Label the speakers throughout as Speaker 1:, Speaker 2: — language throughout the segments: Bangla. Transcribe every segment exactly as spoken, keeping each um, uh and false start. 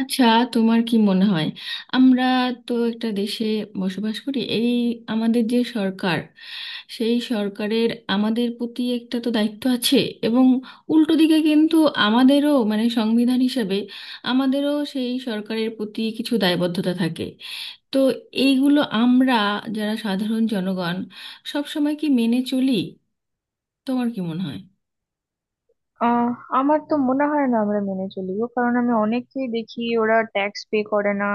Speaker 1: আচ্ছা, তোমার কি মনে হয়, আমরা তো একটা দেশে বসবাস করি। এই আমাদের যে সরকার, সেই সরকারের আমাদের প্রতি একটা তো দায়িত্ব আছে, এবং উল্টো দিকে কিন্তু আমাদেরও মানে সংবিধান হিসাবে আমাদেরও সেই সরকারের প্রতি কিছু দায়বদ্ধতা থাকে। তো এইগুলো আমরা যারা সাধারণ জনগণ সব সময় কি মেনে চলি? তোমার কি মনে হয়?
Speaker 2: আহ আমার তো মনে হয় না আমরা মেনে চলি গো, কারণ আমি অনেককেই দেখি ওরা ট্যাক্স পে করে না।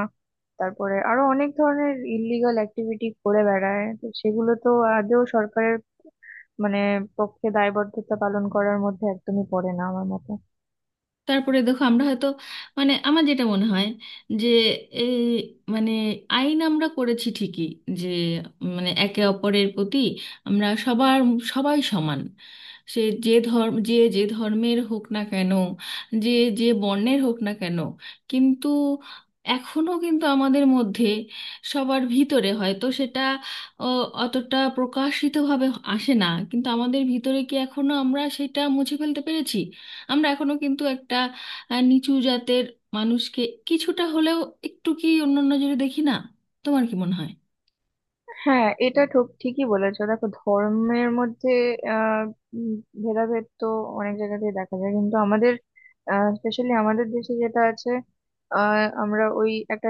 Speaker 2: তারপরে আরো অনেক ধরনের ইললিগাল অ্যাক্টিভিটি করে বেড়ায়, তো সেগুলো তো আদৌ সরকারের মানে পক্ষে দায়বদ্ধতা পালন করার মধ্যে একদমই পড়ে না আমার মতে।
Speaker 1: তারপরে দেখো, আমরা হয়তো, মানে আমার যেটা মনে হয় যে এই, মানে আইন আমরা করেছি ঠিকই, যে মানে একে অপরের প্রতি আমরা সবার, সবাই সমান, সে যে ধর্ম, যে যে ধর্মের হোক না কেন, যে যে বর্ণের হোক না কেন। কিন্তু এখনো কিন্তু আমাদের মধ্যে সবার ভিতরে হয়তো সেটা অ, অতটা প্রকাশিতভাবে আসে না, কিন্তু আমাদের ভিতরে কি এখনো আমরা সেটা মুছে ফেলতে পেরেছি? আমরা এখনো কিন্তু একটা আহ, নিচু জাতের মানুষকে কিছুটা হলেও একটু কি অন্য নজরে দেখি না? তোমার কি মনে হয়?
Speaker 2: হ্যাঁ, এটা ঠিক ঠিকই বলেছো। দেখো, ধর্মের মধ্যে আহ উম, ভেদাভেদ তো অনেক জায়গাতেই দেখা যায়, কিন্তু আমাদের স্পেশালি আমাদের দেশে যেটা আছে, আহ আমরা ওই একটা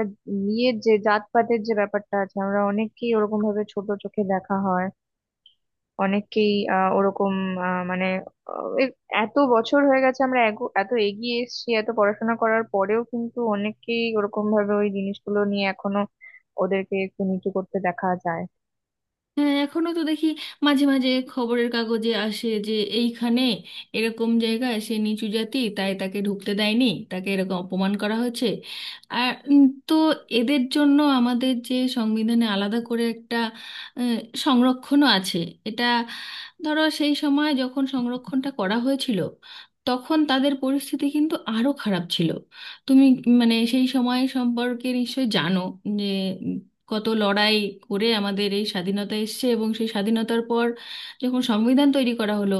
Speaker 2: ইয়ের যে জাতপাতের যে ব্যাপারটা আছে, আমরা অনেককেই ওরকম ভাবে ছোট চোখে দেখা হয়। অনেককেই আহ ওরকম আহ মানে আহ, এই এত বছর হয়ে গেছে, আমরা এগো- এত এগিয়ে এসেছি, এত পড়াশোনা করার পরেও কিন্তু অনেককেই ওরকম ভাবে ওই জিনিসগুলো নিয়ে এখনো ওদেরকে একটু নিচু করতে দেখা যায়।
Speaker 1: হ্যাঁ, এখনো তো দেখি, মাঝে মাঝে খবরের কাগজে আসে যে এইখানে এরকম জায়গায় সে নিচু জাতি তাই তাকে ঢুকতে দেয়নি, তাকে এরকম অপমান করা হয়েছে। আর উম, তো এদের জন্য আমাদের যে সংবিধানে আলাদা করে একটা আহ, সংরক্ষণও আছে। এটা ধরো সেই সময় যখন সংরক্ষণটা করা হয়েছিল তখন তাদের পরিস্থিতি কিন্তু আরো খারাপ ছিল। তুমি মানে সেই সময় সম্পর্কে নিশ্চয়ই জানো যে কত লড়াই করে আমাদের এই স্বাধীনতা এসেছে, এবং সেই স্বাধীনতার পর যখন সংবিধান তৈরি করা হলো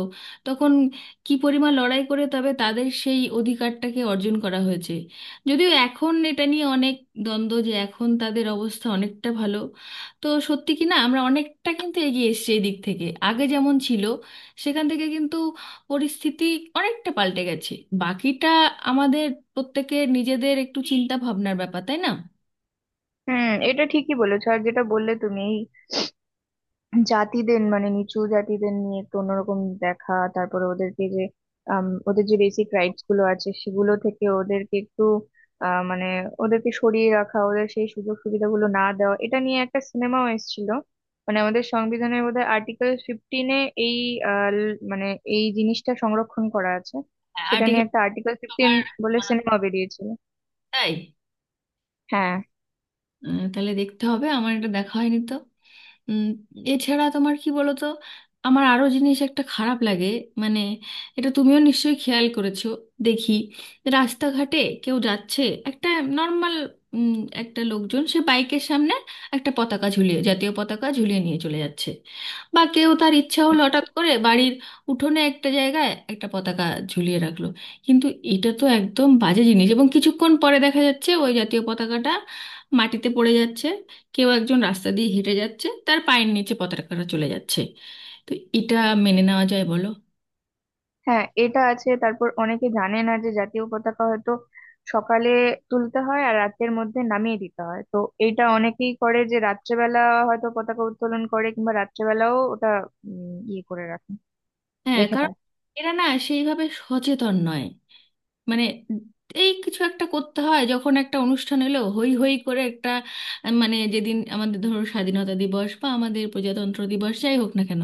Speaker 1: তখন কি পরিমাণ লড়াই করে তবে তাদের সেই অধিকারটাকে অর্জন করা হয়েছে। যদিও এখন এটা নিয়ে অনেক দ্বন্দ্ব যে এখন তাদের অবস্থা অনেকটা ভালো। তো সত্যি কি না, আমরা অনেকটা কিন্তু এগিয়ে এসেছি এই দিক থেকে, আগে যেমন ছিল সেখান থেকে কিন্তু পরিস্থিতি অনেকটা পাল্টে গেছে। বাকিটা আমাদের প্রত্যেকের নিজেদের একটু চিন্তা ভাবনার ব্যাপার, তাই না?
Speaker 2: হুম, এটা ঠিকই বলেছো। আর যেটা বললে তুমি, এই জাতিদের মানে নিচু জাতিদের নিয়ে একটু অন্যরকম দেখা, তারপরে ওদেরকে যে আম, ওদের যে বেসিক রাইটস গুলো আছে সেগুলো থেকে ওদেরকে একটু আহ, মানে ওদেরকে সরিয়ে রাখা, ওদের সেই সুযোগ সুবিধাগুলো না দেওয়া, এটা নিয়ে একটা সিনেমাও এসেছিল। মানে আমাদের সংবিধানের বোধহয় আর্টিকেল ফিফটিনে এই আহ, ল- মানে এই জিনিসটা সংরক্ষণ করা আছে। সেটা নিয়ে
Speaker 1: আর্টিকেল।
Speaker 2: একটা আর্টিকেল ফিফটিন বলে সিনেমা বেরিয়েছিল।
Speaker 1: তাই?
Speaker 2: হ্যাঁ,
Speaker 1: আহ, তাহলে দেখতে হবে, আমার এটা দেখা হয়নি তো। উম, এছাড়া তোমার, কি বলো তো, আমার আরো জিনিস একটা খারাপ লাগে, মানে এটা তুমিও নিশ্চয়ই খেয়াল করেছো। দেখি, রাস্তাঘাটে কেউ যাচ্ছে, একটা নর্মাল একটা লোকজন, সে বাইকের সামনে একটা পতাকা ঝুলিয়ে, জাতীয় পতাকা ঝুলিয়ে নিয়ে চলে যাচ্ছে। বা কেউ তার ইচ্ছা হলো হঠাৎ করে বাড়ির উঠোনে একটা জায়গায় একটা পতাকা ঝুলিয়ে রাখলো। কিন্তু এটা তো একদম বাজে জিনিস, এবং কিছুক্ষণ পরে দেখা যাচ্ছে ওই জাতীয় পতাকাটা মাটিতে পড়ে যাচ্ছে, কেউ একজন রাস্তা দিয়ে হেঁটে যাচ্ছে তার পায়ের নিচে পতাকাটা চলে যাচ্ছে। তো এটা মেনে নেওয়া যায় বলো?
Speaker 2: হ্যাঁ, এটা আছে। তারপর অনেকে জানে না যে জাতীয় পতাকা হয়তো সকালে তুলতে হয় আর রাতের মধ্যে নামিয়ে দিতে হয়। তো এটা অনেকেই করে যে রাত্রেবেলা হয়তো পতাকা উত্তোলন করে কিংবা রাত্রেবেলাও ওটা উম, ইয়ে করে রাখে,
Speaker 1: হ্যাঁ,
Speaker 2: রেখে
Speaker 1: কারণ
Speaker 2: দেয়।
Speaker 1: এরা না সেইভাবে সচেতন নয়। মানে এই কিছু একটা করতে হয়, যখন একটা অনুষ্ঠান এলো হই হই করে একটা, আহ, মানে যেদিন আমাদের ধরো স্বাধীনতা দিবস বা আমাদের প্রজাতন্ত্র দিবস যাই হোক না কেন,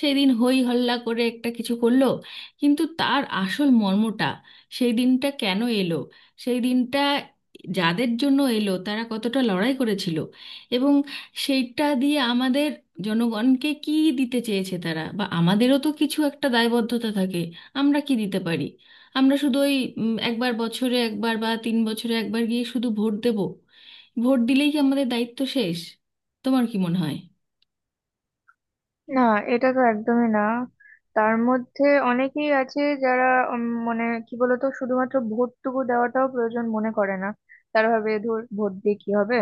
Speaker 1: সেই দিন হই হল্লা করে একটা কিছু করলো। কিন্তু তার আসল মর্মটা, সেই দিনটা কেন এলো, সেই দিনটা যাদের জন্য এলো তারা কতটা লড়াই করেছিল, এবং সেইটা দিয়ে আমাদের জনগণকে কি দিতে চেয়েছে তারা, বা আমাদেরও তো কিছু একটা দায়বদ্ধতা থাকে। আমরা কি দিতে পারি? আমরা শুধু ওই উম, একবার বছরে একবার বা তিন বছরে একবার গিয়ে শুধু ভোট দেব। ভোট দিলেই কি আমাদের দায়িত্ব শেষ? তোমার কি মনে হয়?
Speaker 2: না, এটা তো একদমই না। তার মধ্যে অনেকেই আছে যারা উম, মানে কি বলতো, শুধুমাত্র ভোটটুকু দেওয়াটাও প্রয়োজন মনে করে না। তারা ভাবে, ধর ভোট দিয়ে কি হবে।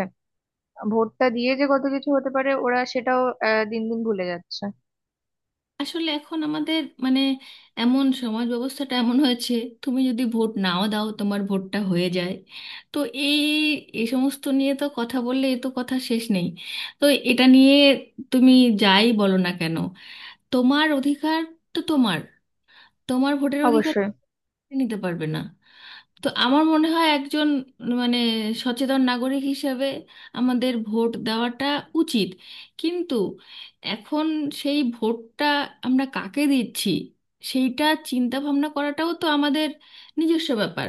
Speaker 2: ভোটটা দিয়ে যে কত কিছু হতে পারে ওরা সেটাও আহ, দিন দিন ভুলে যাচ্ছে।
Speaker 1: আসলে এখন আমাদের মানে, এমন সমাজ ব্যবস্থাটা এমন হয়েছে, তুমি যদি ভোট নাও দাও তোমার ভোটটা হয়ে যায়। তো এই এই সমস্ত নিয়ে তো কথা বললে এ তো কথা শেষ নেই। তো এটা নিয়ে তুমি যাই বলো না কেন, তোমার অধিকার, তো তোমার তোমার ভোটের অধিকার
Speaker 2: অবশ্যই।
Speaker 1: কেউ নিতে পারবে না। তো আমার মনে হয় একজন মানে সচেতন নাগরিক হিসেবে আমাদের ভোট দেওয়াটা উচিত। কিন্তু এখন সেই ভোটটা আমরা কাকে দিচ্ছি, সেইটা চিন্তা ভাবনা করাটাও তো আমাদের নিজস্ব ব্যাপার।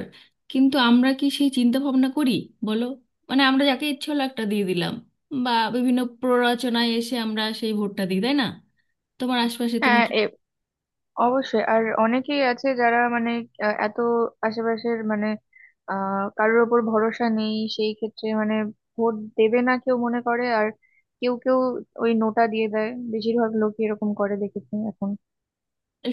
Speaker 1: কিন্তু আমরা কি সেই চিন্তা ভাবনা করি, বলো? মানে আমরা যাকে ইচ্ছে হলো একটা দিয়ে দিলাম, বা বিভিন্ন প্ররোচনায় এসে আমরা সেই ভোটটা দিই, তাই না? তোমার আশপাশে তুমি
Speaker 2: হ্যাঁ,
Speaker 1: কি...
Speaker 2: এ অবশ্যই। আর অনেকেই আছে যারা মানে আহ, এত আশেপাশের মানে আহ কারোর ওপর ভরসা নেই, সেই ক্ষেত্রে মানে ভোট দেবে না কেউ মনে করে। আর কেউ কেউ ওই নোটা দিয়ে দেয়, বেশিরভাগ লোকই এরকম করে দেখেছি এখন।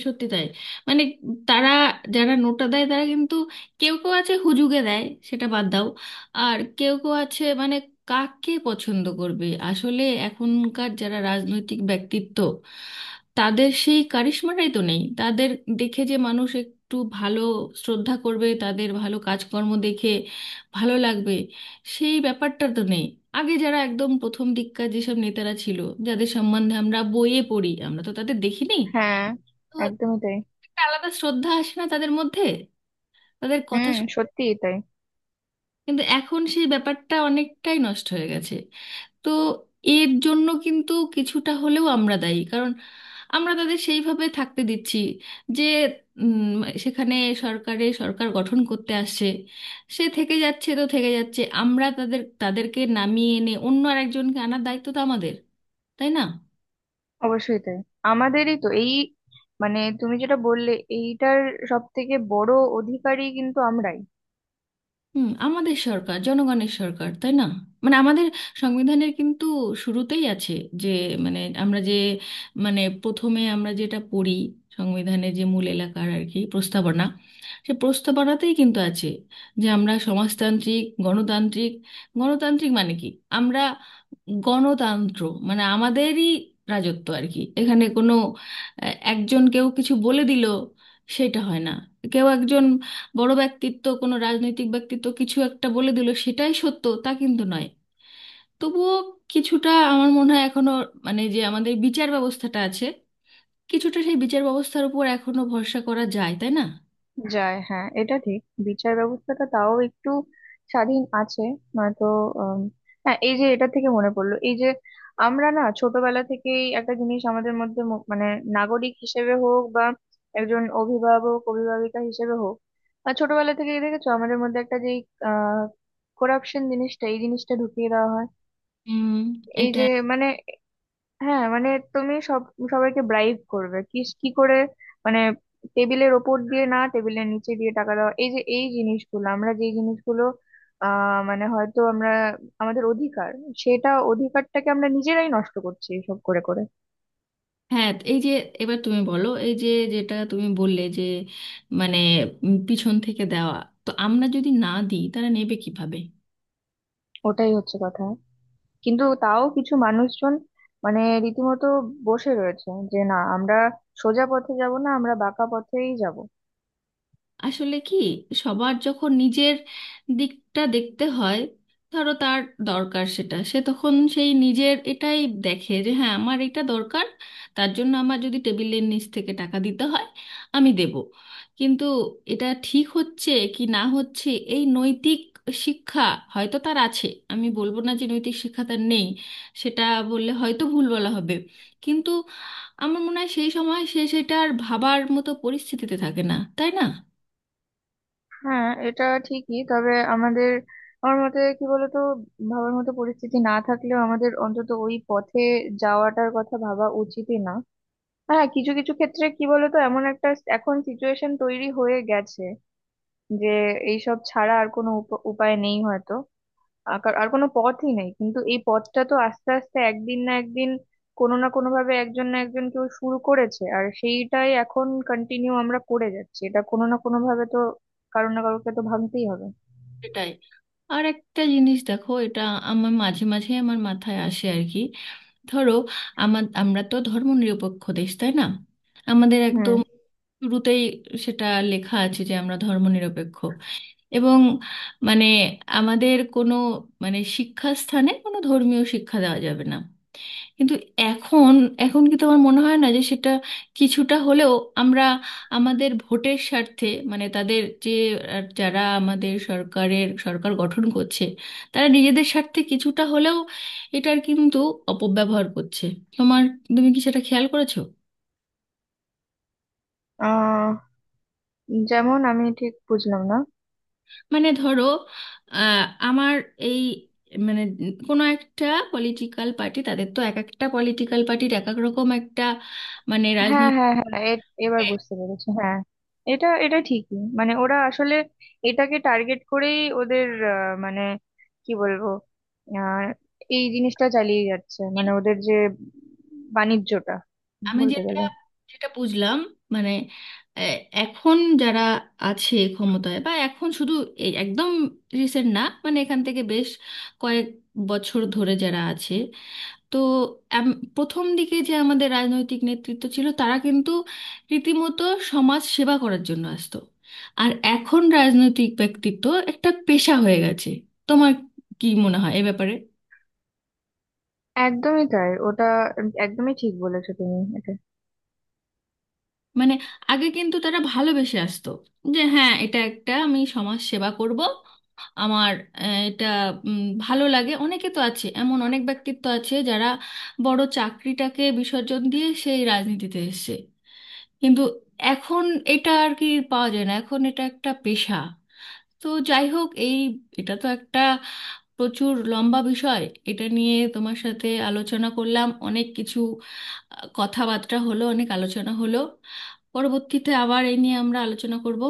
Speaker 1: সত্যি তাই। মানে তারা, যারা নোটা দেয় তারা কিন্তু, কেউ কেউ আছে হুজুগে দেয়, সেটা বাদ দাও। আর কেউ কেউ আছে মানে কাকে পছন্দ করবে, আসলে এখনকার যারা রাজনৈতিক ব্যক্তিত্ব, তাদের সেই কারিশমাটাই তো নেই। তাদের দেখে যে মানুষ একটু ভালো শ্রদ্ধা করবে, তাদের ভালো কাজকর্ম দেখে ভালো লাগবে, সেই ব্যাপারটা তো নেই। আগে যারা একদম প্রথম দিককার যেসব নেতারা ছিল, যাদের সম্বন্ধে আমরা বইয়ে পড়ি, আমরা তো তাদের দেখিনি।
Speaker 2: হ্যাঁ, একদমই তাই।
Speaker 1: একটা আলাদা শ্রদ্ধা আসে না তাদের মধ্যে। তাদের কথা
Speaker 2: হুম,
Speaker 1: শুন-
Speaker 2: সত্যিই তাই।
Speaker 1: কিন্তু এখন সেই ব্যাপারটা অনেকটাই নষ্ট হয়ে গেছে। তো এর জন্য কিন্তু কিছুটা হলেও আমরা দায়ী, কারণ আমরা তাদের সেইভাবে থাকতে দিচ্ছি, যে উম, সেখানে সরকারে সরকার গঠন করতে আসছে, সে থেকে যাচ্ছে তো থেকে যাচ্ছে। আমরা তাদের তাদেরকে নামিয়ে এনে অন্য আরেকজনকে আনার দায়িত্ব তো আমাদের, তাই না?
Speaker 2: অবশ্যই তাই, আমাদেরই তো এই মানে তুমি যেটা বললে এইটার সব থেকে বড় অধিকারী কিন্তু আমরাই।
Speaker 1: হুম, আমাদের সরকার জনগণের সরকার, তাই না? মানে আমাদের সংবিধানের কিন্তু শুরুতেই আছে, যে মানে আমরা যে, মানে প্রথমে আমরা যেটা পড়ি সংবিধানের, যে মূল এলাকার আর কি, প্রস্তাবনা, সে প্রস্তাবনাতেই কিন্তু আছে যে আমরা সমাজতান্ত্রিক, গণতান্ত্রিক। গণতান্ত্রিক মানে কি? আমরা গণতন্ত্র মানে আমাদেরই রাজত্ব আর কি, এখানে কোনো আহ, একজন কেউ কিছু বলে দিল সেটা হয় না। কেউ একজন বড় ব্যক্তিত্ব, কোনো রাজনৈতিক ব্যক্তিত্ব কিছু একটা বলে দিল সেটাই সত্য, তা কিন্তু নয়। তবুও কিছুটা আমার মনে হয় এখনো, মানে যে আমাদের বিচার ব্যবস্থাটা আছে, কিছুটা সেই বিচার ব্যবস্থার উপর এখনো ভরসা করা যায়, তাই না?
Speaker 2: যায়, হ্যাঁ এটা ঠিক। বিচার ব্যবস্থাটা তাও একটু স্বাধীন আছে, নয়তো আম, হ্যাঁ এই যে, এটা থেকে মনে পড়লো, এই যে আমরা না ছোটবেলা থেকেই একটা জিনিস আমাদের মধ্যে ম- মানে নাগরিক হিসেবে হোক বা একজন অভিভাবক অভিভাবিকা হিসেবে হোক, আর ছোটবেলা থেকেই দেখেছো আমাদের মধ্যে একটা যেই আহ করাপশন জিনিসটা, এই জিনিসটা ঢুকিয়ে দেওয়া হয়।
Speaker 1: উম,
Speaker 2: এই
Speaker 1: এটা,
Speaker 2: যে মানে, হ্যাঁ মানে তুমি সব সবাইকে ব্রাইব করবে কি কি করে, মানে টেবিলের ওপর দিয়ে না টেবিলের নিচে দিয়ে টাকা দেওয়া, এই যে এই জিনিসগুলো আমরা যে জিনিসগুলো আহ মানে হয়তো আমরা আমাদের অধিকার সেটা অধিকারটাকে আমরা নিজেরাই নষ্ট করছি এসব করে করে।
Speaker 1: হ্যাঁ এই যে, এবার তুমি বলো, এই যে যেটা তুমি বললে যে মানে উম, পিছন থেকে দেওয়া, তো আমরা যদি না দিই তারা নেবে কিভাবে?
Speaker 2: ওটাই হচ্ছে কথা, কিন্তু তাও কিছু মানুষজন মানে রীতিমতো বসে রয়েছে যে না, আমরা সোজা পথে যাব না, আমরা বাঁকা পথেই যাব।
Speaker 1: আসলে কি, সবার যখন নিজের দিকটা দেখতে হয়, ধরো তার দরকার, সেটা সে তখন সেই নিজের এটাই দেখে যে হ্যাঁ আমার এটা দরকার, তার জন্য আমার যদি টেবিলের নিচ থেকে টাকা দিতে হয় আমি দেব। কিন্তু এটা ঠিক হচ্ছে কি না হচ্ছে, এই নৈতিক শিক্ষা হয়তো তার আছে। আমি বলবো না যে নৈতিক শিক্ষা তার নেই, সেটা বললে হয়তো ভুল বলা হবে। কিন্তু আমার মনে হয় সেই সময় সে সেটা আর ভাবার মতো পরিস্থিতিতে থাকে না, তাই না?
Speaker 2: হ্যাঁ এটা ঠিকই, তবে আমাদের আমার মতে কি বলতো, ভাবার মতো পরিস্থিতি না থাকলেও আমাদের অন্তত ওই পথে যাওয়াটার কথা ভাবা উচিতই না। আর হ্যাঁ, কিছু কিছু ক্ষেত্রে কি বলতো, এমন একটা স- এখন সিচুয়েশন তৈরি হয়ে গেছে যে এইসব ছাড়া আর কোনো উপ- উপায় নেই হয়তো। আর কার- আর কোনো পথই নেই। কিন্তু এই পথটা তো আস্তে আস্তে একদিন না একদিন, কোনো না কোনো ভাবে একজন না একজন কেউ শুরু করেছে, আর সেইটাই এখন কন্টিনিউ আমরা করে যাচ্ছি। এটা কোনো না কোনো ভাবে তো কারো না কারোকে তো ভাবতেই হবে।
Speaker 1: সেটাই। আর একটা জিনিস দেখো, এটা আমার মাঝে মাঝে আমার মাথায় আসে আর কি। ধরো আমার আমরা তো ধর্ম নিরপেক্ষ দেশ, তাই না? আমাদের
Speaker 2: হুম।
Speaker 1: একদম শুরুতেই সেটা লেখা আছে যে আমরা ধর্ম নিরপেক্ষ, এবং মানে আমাদের কোনো, মানে শিক্ষাস্থানে কোনো ধর্মীয় শিক্ষা দেওয়া যাবে না। কিন্তু এখন এখন কি তোমার মনে হয় না যে সেটা কিছুটা হলেও, আমরা আমাদের ভোটের স্বার্থে, মানে তাদের যে আহ, যারা আমাদের সরকারের সরকার গঠন করছে, তারা নিজেদের স্বার্থে কিছুটা হলেও এটার কিন্তু অপব্যবহার করছে? তোমার তুমি কি সেটা খেয়াল করেছো?
Speaker 2: আহ যেমন, আমি ঠিক বুঝলাম না।
Speaker 1: মানে ধরো আহ, আমার এই, মানে কোনো একটা পলিটিক্যাল পার্টি, তাদের তো এক একটা পলিটিক্যাল পার্টির এক এক রকম একটা মানে
Speaker 2: হ্যাঁ, হ্যাঁ, হ্যাঁ, এ- এবার
Speaker 1: রাজনৈতিক,
Speaker 2: বুঝতে পেরেছি। হ্যাঁ, এটা এটা ঠিকই, মানে ওরা আসলে এটাকে টার্গেট করেই ওদের আহ, মানে কি বলবো, আহ, এই জিনিসটা চালিয়ে যাচ্ছে মানে ওদের যে বাণিজ্যটা
Speaker 1: আমি
Speaker 2: বলতে
Speaker 1: যেটা
Speaker 2: গেলে।
Speaker 1: যেটা বুঝলাম মানে আহ, এখন যারা আছে ক্ষমতায়, বা এখন শুধু এই একদম রিসেন্ট না, মানে এখান থেকে বেশ কয়েক বছর ধরে যারা আছে, তো এম- প্রথম দিকে যে আমাদের রাজনৈতিক নেতৃত্ব ছিল তারা কিন্তু রীতিমতো সমাজ সেবা করার জন্য আসতো। আর এখন রাজনৈতিক ব্যক্তিত্ব একটা পেশা হয়ে গেছে। তোমার কি মনে হয় এ ব্যাপারে?
Speaker 2: একদমই তাই ওটা, একদমই ঠিক বলেছো তুমি এটা।
Speaker 1: মানে আগে কিন্তু তারা ভালোবেসে আসতো, যে হ্যাঁ এটা একটা আমি সমাজ সেবা করব, আমার আহ, এটা উম, ভালো লাগে। অনেকে তো আছে, এমন অনেক ব্যক্তিত্ব আছে যারা বড় চাকরিটাকে বিসর্জন দিয়ে সেই রাজনীতিতে এসেছে। কিন্তু এখন এটা আর কি পাওয়া যায় না, এখন এটা একটা পেশা। তো যাই হোক, এই এটা তো একটা প্রচুর লম্বা বিষয়। এটা নিয়ে তোমার সাথে আলোচনা করলাম অনেক কিছু, আহ, কথাবার্তা হলো, অনেক আলোচনা হলো। পরবর্তীতে আবার এই নিয়ে আমরা আলোচনা করব।